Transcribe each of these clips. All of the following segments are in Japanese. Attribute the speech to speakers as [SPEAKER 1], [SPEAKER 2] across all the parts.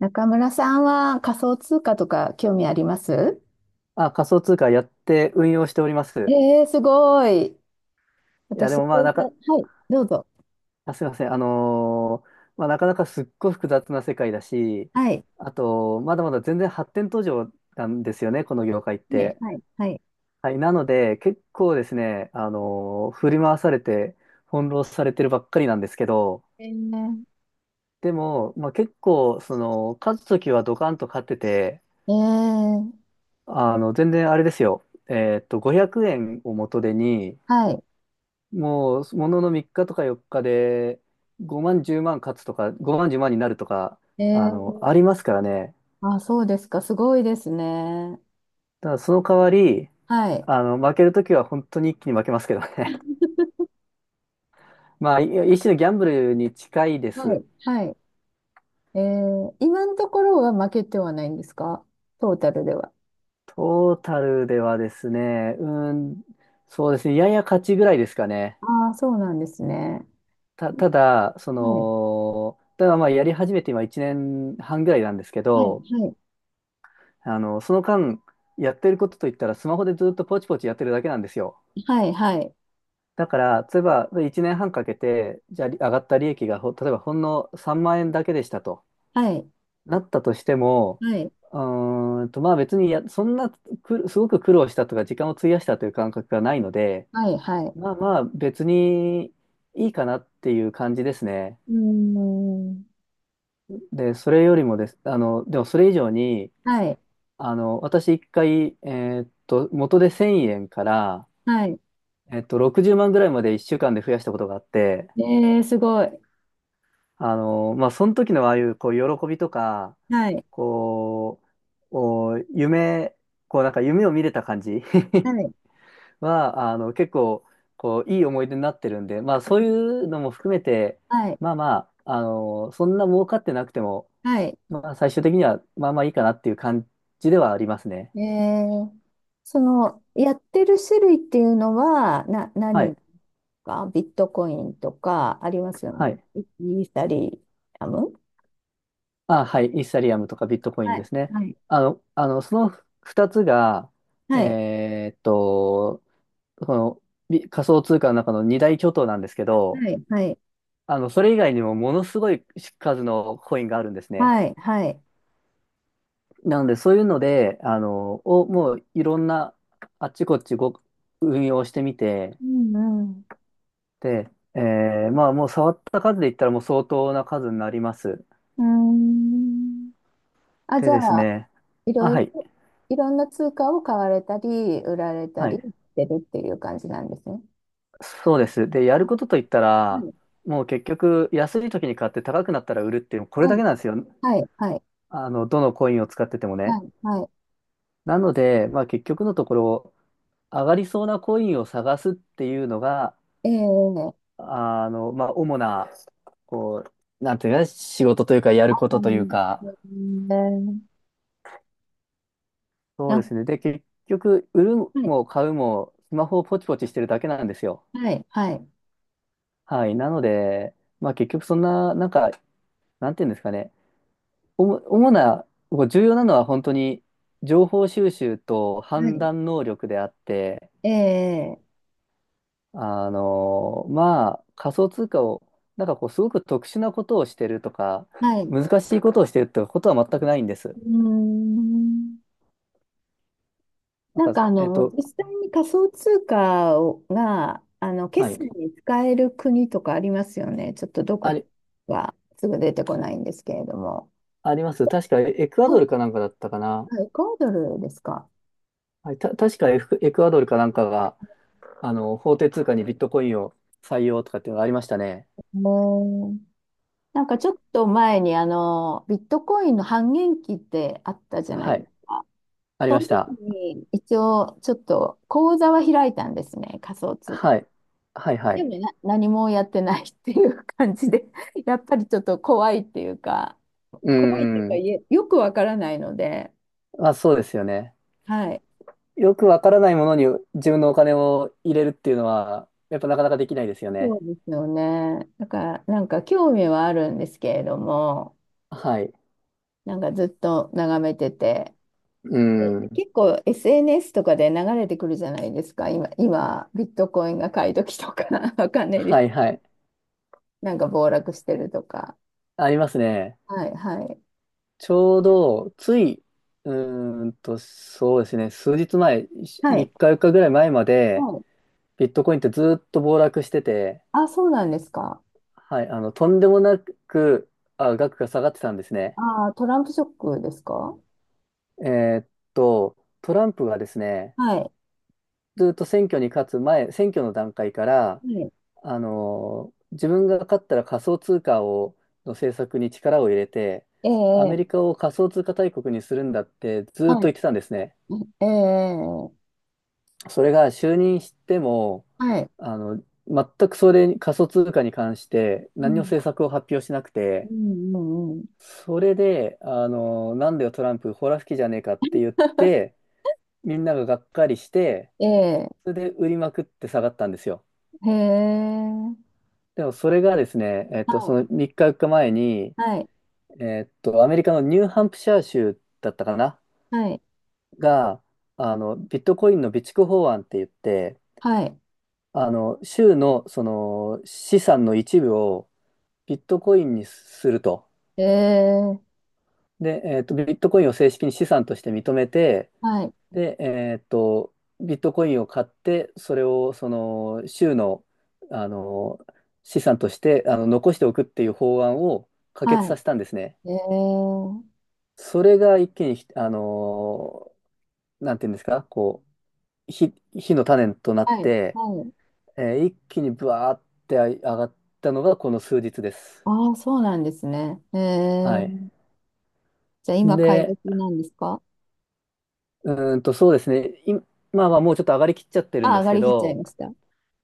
[SPEAKER 1] 中村さんは仮想通貨とか興味あります？
[SPEAKER 2] あ、仮想通貨やって運用しております。
[SPEAKER 1] すごい。
[SPEAKER 2] いや、で
[SPEAKER 1] 私、
[SPEAKER 2] もまあ、
[SPEAKER 1] はい、どうぞ。
[SPEAKER 2] あ、すいません。まあ、なかなかすっごい複雑な世界だし、
[SPEAKER 1] はい、
[SPEAKER 2] あと、まだまだ全然発展途上なんですよね、この業界っ
[SPEAKER 1] はい、
[SPEAKER 2] て。
[SPEAKER 1] はい、はい。
[SPEAKER 2] はい。なので、結構ですね、振り回されて、翻弄されてるばっかりなんですけど、
[SPEAKER 1] えー、
[SPEAKER 2] でも、まあ、結構、勝つときはドカンと勝ってて、
[SPEAKER 1] えー、
[SPEAKER 2] 全然あれですよ。500円を元手に、
[SPEAKER 1] はい。
[SPEAKER 2] もう、ものの3日とか4日で、5万、10万勝つとか、5万、10万になるとか、
[SPEAKER 1] えー、
[SPEAKER 2] ありますからね。
[SPEAKER 1] あ、そうですか。すごいですね。
[SPEAKER 2] ただ、その代わり、
[SPEAKER 1] はい、
[SPEAKER 2] 負けるときは本当に一気に負けますけどね。まあ、一種のギャンブルに近いで
[SPEAKER 1] は
[SPEAKER 2] す。
[SPEAKER 1] い、はい。今のところは負けてはないんですか？トータルでは。
[SPEAKER 2] トータルではですね、うーん、そうですね、やや勝ちぐらいですかね。
[SPEAKER 1] ああ、そうなんですね。
[SPEAKER 2] ただ、
[SPEAKER 1] はい、
[SPEAKER 2] ただまあ、やり始めて今1年半ぐらいなんですけ
[SPEAKER 1] はい、
[SPEAKER 2] ど、
[SPEAKER 1] はい、
[SPEAKER 2] その間、やってることといったら、スマホでずっとポチポチやってるだけなんですよ。
[SPEAKER 1] はい、はい、
[SPEAKER 2] だから、例えば1年半かけて、じゃあり上がった利益が例えばほんの3万円だけでしたと
[SPEAKER 1] はい、
[SPEAKER 2] なったとしても、
[SPEAKER 1] はい、
[SPEAKER 2] まあ別にそんなすごく苦労したとか、時間を費やしたという感覚がないので、
[SPEAKER 1] はい。はい。
[SPEAKER 2] まあまあ別にいいかなっていう感じですね。
[SPEAKER 1] うーん。
[SPEAKER 2] で、それよりもです、でもそれ以上に、
[SPEAKER 1] はい、
[SPEAKER 2] 私一回、元で1000円から、
[SPEAKER 1] はい。
[SPEAKER 2] 60万ぐらいまで1週間で増やしたことがあって、
[SPEAKER 1] えー、すごい。
[SPEAKER 2] まあ、その時のああいう、こう、喜びとか、
[SPEAKER 1] はい。
[SPEAKER 2] こう、お夢、こう、なんか夢を見れた感じ
[SPEAKER 1] はい。
[SPEAKER 2] は、結構、こう、いい思い出になってるんで、まあ、そういうのも含めて、
[SPEAKER 1] はい。
[SPEAKER 2] まあまあ、そんな儲かってなくても、
[SPEAKER 1] はい。
[SPEAKER 2] まあ、最終的には、まあまあいいかなっていう感じではありますね。
[SPEAKER 1] えー、その、やってる種類っていうのは、
[SPEAKER 2] はい。
[SPEAKER 1] 何か、ビットコインとかありますよね。
[SPEAKER 2] はい。
[SPEAKER 1] イイーサリアム。
[SPEAKER 2] あ、はい。イーサリアムとかビットコイン
[SPEAKER 1] は
[SPEAKER 2] で
[SPEAKER 1] い。
[SPEAKER 2] すね。
[SPEAKER 1] はい。
[SPEAKER 2] その2つが、
[SPEAKER 1] はい。
[SPEAKER 2] えーっと、その、仮想通貨の中の二大巨頭なんですけど、
[SPEAKER 1] はい。はい。
[SPEAKER 2] それ以外にもものすごい数のコインがあるんですね。
[SPEAKER 1] はい。はい。
[SPEAKER 2] なので、そういうので、もういろんな、あっちこっち運用してみて、
[SPEAKER 1] うん。
[SPEAKER 2] で、まあ、もう触った数で言ったらもう相当な数になります。
[SPEAKER 1] うん。うーん。あ、じ
[SPEAKER 2] で
[SPEAKER 1] ゃ
[SPEAKER 2] です
[SPEAKER 1] あ、
[SPEAKER 2] ね、
[SPEAKER 1] い
[SPEAKER 2] あ、
[SPEAKER 1] ろい
[SPEAKER 2] はい、
[SPEAKER 1] ろ、いろんな通貨を買われたり、売られた
[SPEAKER 2] は
[SPEAKER 1] り
[SPEAKER 2] い、
[SPEAKER 1] してるっていう感じなんですね。
[SPEAKER 2] そうです。で、や
[SPEAKER 1] あ、
[SPEAKER 2] る
[SPEAKER 1] は
[SPEAKER 2] ことといったら、
[SPEAKER 1] い。
[SPEAKER 2] もう結局、安い時に買って高くなったら売るっていう、これ
[SPEAKER 1] は
[SPEAKER 2] だ
[SPEAKER 1] い。
[SPEAKER 2] けなんですよ。
[SPEAKER 1] はい。はい。
[SPEAKER 2] どのコインを使ってても
[SPEAKER 1] は
[SPEAKER 2] ね。
[SPEAKER 1] い、は
[SPEAKER 2] なので、まあ、結局のところ、上がりそうなコインを探すっていうのが、
[SPEAKER 1] い。ええ、
[SPEAKER 2] まあ、主な、こなんていうかね、仕事というか、やること
[SPEAKER 1] こ
[SPEAKER 2] という
[SPEAKER 1] ん
[SPEAKER 2] か、
[SPEAKER 1] え
[SPEAKER 2] そうで
[SPEAKER 1] あ、
[SPEAKER 2] すね。で、結局、売る
[SPEAKER 1] はい、
[SPEAKER 2] も買うも、スマホをポチポチしてるだけなんですよ。
[SPEAKER 1] はい、はい、
[SPEAKER 2] はい。なので、まあ、結局、そんな、なんか、なんていうんですかね、主な、こう重要なのは本当に、情報収集と
[SPEAKER 1] は
[SPEAKER 2] 判
[SPEAKER 1] い、
[SPEAKER 2] 断能力であって、
[SPEAKER 1] ええ、
[SPEAKER 2] まあ、仮想通貨を、なんかこう、すごく特殊なことをしてるとか、
[SPEAKER 1] はい。う
[SPEAKER 2] 難しいことをしてるってことは全くないんです。
[SPEAKER 1] ーん、
[SPEAKER 2] なん
[SPEAKER 1] なん
[SPEAKER 2] か、
[SPEAKER 1] かあの、実際に仮想通貨が、あの、
[SPEAKER 2] は
[SPEAKER 1] 決
[SPEAKER 2] い。
[SPEAKER 1] 済に使える国とかありますよね。ちょっとど
[SPEAKER 2] あ
[SPEAKER 1] こ
[SPEAKER 2] り、
[SPEAKER 1] はすぐ出てこないんですけれども。
[SPEAKER 2] あります。確かエクア
[SPEAKER 1] は
[SPEAKER 2] ド
[SPEAKER 1] い、
[SPEAKER 2] ルかなんかだったかな。
[SPEAKER 1] はい、エクアドルですか。
[SPEAKER 2] はい、確かエクアドルかなんかが、法定通貨にビットコインを採用とかっていうのがありましたね。
[SPEAKER 1] ええ、なんかちょっと前にあの、ビットコインの半減期ってあったじゃな
[SPEAKER 2] は
[SPEAKER 1] いです
[SPEAKER 2] い。
[SPEAKER 1] か。
[SPEAKER 2] あり
[SPEAKER 1] そ
[SPEAKER 2] ま
[SPEAKER 1] の
[SPEAKER 2] し
[SPEAKER 1] 時
[SPEAKER 2] た。
[SPEAKER 1] に一応ちょっと口座は開いたんですね、仮想通貨。
[SPEAKER 2] はい。はいは
[SPEAKER 1] でも、
[SPEAKER 2] い。
[SPEAKER 1] 何もやってないっていう感じで、やっぱりちょっと怖いっていうか、
[SPEAKER 2] う
[SPEAKER 1] 怖いっていう
[SPEAKER 2] ー
[SPEAKER 1] か、
[SPEAKER 2] ん。
[SPEAKER 1] いえよくわからないので、
[SPEAKER 2] まあ、そうですよね。
[SPEAKER 1] はい。
[SPEAKER 2] よくわからないものに自分のお金を入れるっていうのは、やっぱなかなかできないですよね。
[SPEAKER 1] そうですよね。だから、なんか興味はあるんですけれども、
[SPEAKER 2] はい。
[SPEAKER 1] なんかずっと眺めてて、
[SPEAKER 2] う
[SPEAKER 1] え
[SPEAKER 2] ん。
[SPEAKER 1] 結構 SNS とかで流れてくるじゃないですか、今、今、ビットコインが買い時とか、わかんないで
[SPEAKER 2] は
[SPEAKER 1] す。
[SPEAKER 2] いはい。
[SPEAKER 1] なんか暴落してるとか。
[SPEAKER 2] ありますね。
[SPEAKER 1] はい、はい。
[SPEAKER 2] ちょうど、つい、そうですね。数日前、
[SPEAKER 1] はい。
[SPEAKER 2] 3日4日ぐらい前まで、
[SPEAKER 1] はい。
[SPEAKER 2] ビットコインってずーっと暴落してて、
[SPEAKER 1] あ、そうなんですか。
[SPEAKER 2] はい、とんでもなく、あ、額が下がってたんですね。
[SPEAKER 1] ああ、トランプショックですか？は
[SPEAKER 2] えーっと、トランプがですね、
[SPEAKER 1] い。
[SPEAKER 2] ずーっと選挙に勝つ前、選挙の段階から、
[SPEAKER 1] はい。
[SPEAKER 2] 自分が勝ったら仮想通貨を、の政策に力を入れて、
[SPEAKER 1] え
[SPEAKER 2] ア
[SPEAKER 1] え、
[SPEAKER 2] メリカを仮想通貨大国にするんだってずっ
[SPEAKER 1] は
[SPEAKER 2] と言
[SPEAKER 1] い。
[SPEAKER 2] ってたんですね。
[SPEAKER 1] ええ、
[SPEAKER 2] それが就任しても、
[SPEAKER 1] はい。
[SPEAKER 2] 全くそれに、仮想通貨に関して
[SPEAKER 1] う
[SPEAKER 2] 何の
[SPEAKER 1] ん。
[SPEAKER 2] 政策を発表しなく
[SPEAKER 1] う
[SPEAKER 2] て、
[SPEAKER 1] ん、うん、うん。
[SPEAKER 2] それで、なんだよトランプ、ほら吹きじゃねえかって言って、みんなががっかりして、
[SPEAKER 1] ええ、
[SPEAKER 2] それで売りまくって下がったんですよ。
[SPEAKER 1] へえ。
[SPEAKER 2] でもそれがですね、
[SPEAKER 1] は
[SPEAKER 2] そ
[SPEAKER 1] い。
[SPEAKER 2] の3日4日前に、
[SPEAKER 1] はい。
[SPEAKER 2] アメリカのニューハンプシャー州だったかな
[SPEAKER 1] はい。
[SPEAKER 2] が、ビットコインの備蓄法案って言って、
[SPEAKER 1] はい。
[SPEAKER 2] 州のその資産の一部をビットコインにすると。
[SPEAKER 1] ええ、
[SPEAKER 2] で、ビットコインを正式に資産として認めて、
[SPEAKER 1] はい。
[SPEAKER 2] で、ビットコインを買って、それをその州の、あの、資産として残しておくっていう法案を可決
[SPEAKER 1] は
[SPEAKER 2] さ
[SPEAKER 1] い。
[SPEAKER 2] せたんですね。
[SPEAKER 1] ええ、
[SPEAKER 2] それが一気にひ、あの、なんていうんですか、こう、火の種となっ
[SPEAKER 1] はい。
[SPEAKER 2] て、
[SPEAKER 1] はい。
[SPEAKER 2] 一気にブワーって上がったのがこの数日です。
[SPEAKER 1] ああ、そうなんですね。え
[SPEAKER 2] はい。
[SPEAKER 1] え。じゃあ、今、買い
[SPEAKER 2] で、
[SPEAKER 1] 時なんですか？
[SPEAKER 2] そうですね。今は、もうちょっと上がりきっちゃってるん
[SPEAKER 1] あ、
[SPEAKER 2] で
[SPEAKER 1] 上
[SPEAKER 2] す
[SPEAKER 1] が
[SPEAKER 2] け
[SPEAKER 1] りきっちゃい
[SPEAKER 2] ど、
[SPEAKER 1] ました。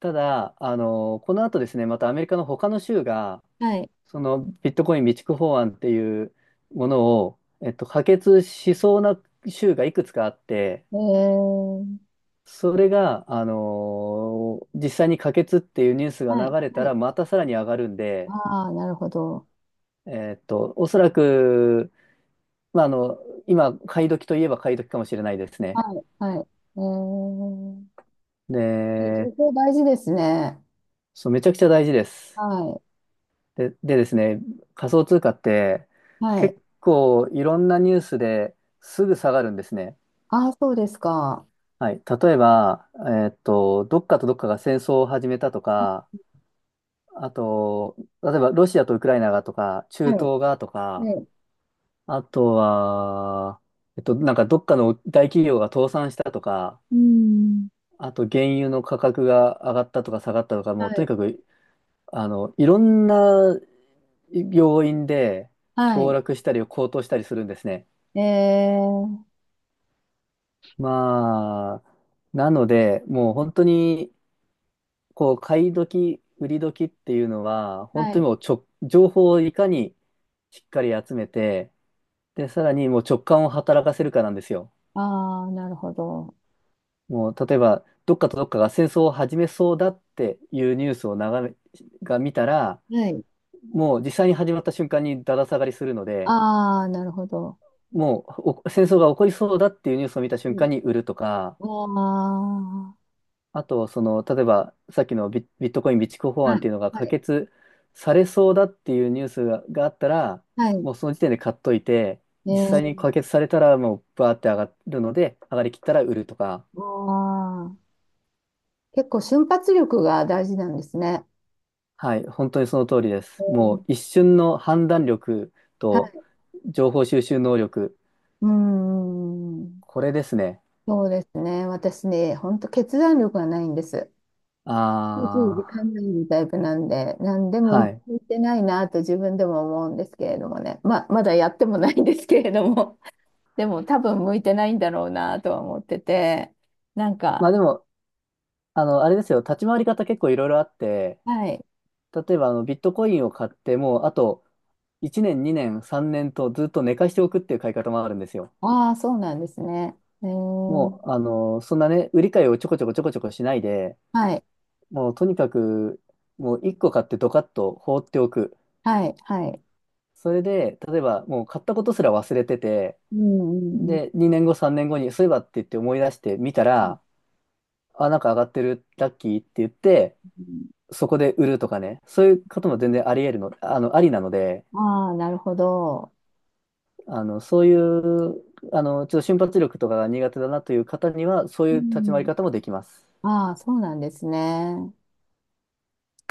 [SPEAKER 2] ただ、この後ですね、またアメリカの他の州が、
[SPEAKER 1] はい。
[SPEAKER 2] そのビットコイン備蓄法案っていうものを、可決しそうな州がいくつかあって、
[SPEAKER 1] ええ、
[SPEAKER 2] それが、あの実際に可決っていうニュースが
[SPEAKER 1] はい。
[SPEAKER 2] 流れ
[SPEAKER 1] は
[SPEAKER 2] た
[SPEAKER 1] い。
[SPEAKER 2] ら、またさらに上がるんで、
[SPEAKER 1] ああ、なるほど。
[SPEAKER 2] おそらく、まあ、今、買い時といえば買い時かもしれないです
[SPEAKER 1] は
[SPEAKER 2] ね。
[SPEAKER 1] い、はい。えー、え情
[SPEAKER 2] で、
[SPEAKER 1] 報大事ですね。
[SPEAKER 2] そう、めちゃくちゃ大事です。
[SPEAKER 1] は
[SPEAKER 2] で、でですね、仮想通貨って、
[SPEAKER 1] い、はい。
[SPEAKER 2] 結構いろんなニュースですぐ下がるんですね。
[SPEAKER 1] ああ、そうですか。
[SPEAKER 2] はい。例えば、どっかとどっかが戦争を始めたとか、あと、例えばロシアとウクライナがとか、
[SPEAKER 1] は
[SPEAKER 2] 中東
[SPEAKER 1] い、
[SPEAKER 2] がとか、
[SPEAKER 1] はい。
[SPEAKER 2] あとは、なんかどっかの大企業が倒産したとか、
[SPEAKER 1] うん。
[SPEAKER 2] あと原油の価格が上がったとか下がったとか、も
[SPEAKER 1] は
[SPEAKER 2] うとに
[SPEAKER 1] い、
[SPEAKER 2] かく、いろんな要因で
[SPEAKER 1] は
[SPEAKER 2] 暴
[SPEAKER 1] い。
[SPEAKER 2] 落したり高騰したりするんですね。
[SPEAKER 1] えー、
[SPEAKER 2] まあ、なので、もう本当に、こう、買い時、売り時っていうのは、本
[SPEAKER 1] は
[SPEAKER 2] 当
[SPEAKER 1] い。
[SPEAKER 2] にもうちょ、情報をいかにしっかり集めて、で、さらにもう直感を働かせるかなんですよ。
[SPEAKER 1] ああ、なるほど。
[SPEAKER 2] もう、例えば、どっかとどっかが戦争を始めそうだっていうニュースを眺め、が見たら、
[SPEAKER 1] はい。
[SPEAKER 2] もう実際に始まった瞬間にだだ下がりするので、
[SPEAKER 1] ああ、なるほど。
[SPEAKER 2] もう戦争が起こりそうだっていうニュースを見た瞬
[SPEAKER 1] うん、
[SPEAKER 2] 間に売るとか、
[SPEAKER 1] ああ、
[SPEAKER 2] あと、例えばさっきのビットコイン備蓄法
[SPEAKER 1] は
[SPEAKER 2] 案っ
[SPEAKER 1] い、
[SPEAKER 2] ていうのが
[SPEAKER 1] は
[SPEAKER 2] 可
[SPEAKER 1] い、
[SPEAKER 2] 決されそうだっていうニュースが、あったら、
[SPEAKER 1] はい。
[SPEAKER 2] もうその時点で買っといて、実際に
[SPEAKER 1] え
[SPEAKER 2] 可決されたらもうバーって上がるので、上がりきったら売るとか、
[SPEAKER 1] ー、ああ、結構瞬発力が大事なんですね。
[SPEAKER 2] はい、本当にその通りで
[SPEAKER 1] え
[SPEAKER 2] す。も
[SPEAKER 1] ー、
[SPEAKER 2] う一瞬の判断力
[SPEAKER 1] は
[SPEAKER 2] と
[SPEAKER 1] い。
[SPEAKER 2] 情報収集能力、
[SPEAKER 1] うーん。
[SPEAKER 2] これですね。
[SPEAKER 1] そうですね。私ね、本当決断力がないんです。すぐ時
[SPEAKER 2] あ
[SPEAKER 1] 間
[SPEAKER 2] あ。
[SPEAKER 1] ないタイプなんで、何でも
[SPEAKER 2] はい。
[SPEAKER 1] 言ってないなと自分でも思うんですけれどもね。まあ、まだやってもないんですけれども、でも多分向いてないんだろうなとは思ってて、なん
[SPEAKER 2] ま
[SPEAKER 1] か、
[SPEAKER 2] あでも、あれですよ、立ち回り方結構いろいろあって、
[SPEAKER 1] はい。
[SPEAKER 2] 例えばビットコインを買って、もうあと1年、2年、3年とずっと寝かしておくっていう買い方もあるんですよ。
[SPEAKER 1] ああ、そうなんですね。えー、
[SPEAKER 2] もう、そんなね、売り買いをちょこちょこちょこちょこしないで、
[SPEAKER 1] はい、
[SPEAKER 2] もうとにかく、もう1個買ってドカッと放っておく。
[SPEAKER 1] はい、はい。
[SPEAKER 2] それで、例えばもう買ったことすら忘れてて、
[SPEAKER 1] うん、うん、
[SPEAKER 2] で、2年後、3年後に、そういえばって言って思い出してみた
[SPEAKER 1] う
[SPEAKER 2] ら、あ、なんか上がってる、ラッキーって言って、
[SPEAKER 1] ん。
[SPEAKER 2] そこで売るとかね、そういうことも全然あり得るの、あの、ありなので、
[SPEAKER 1] ああ、なるほど。
[SPEAKER 2] そういう、ちょっと瞬発力とかが苦手だなという方には、そうい
[SPEAKER 1] う
[SPEAKER 2] う立ち回り
[SPEAKER 1] ん。
[SPEAKER 2] 方もできます。
[SPEAKER 1] ああ、そうなんですね。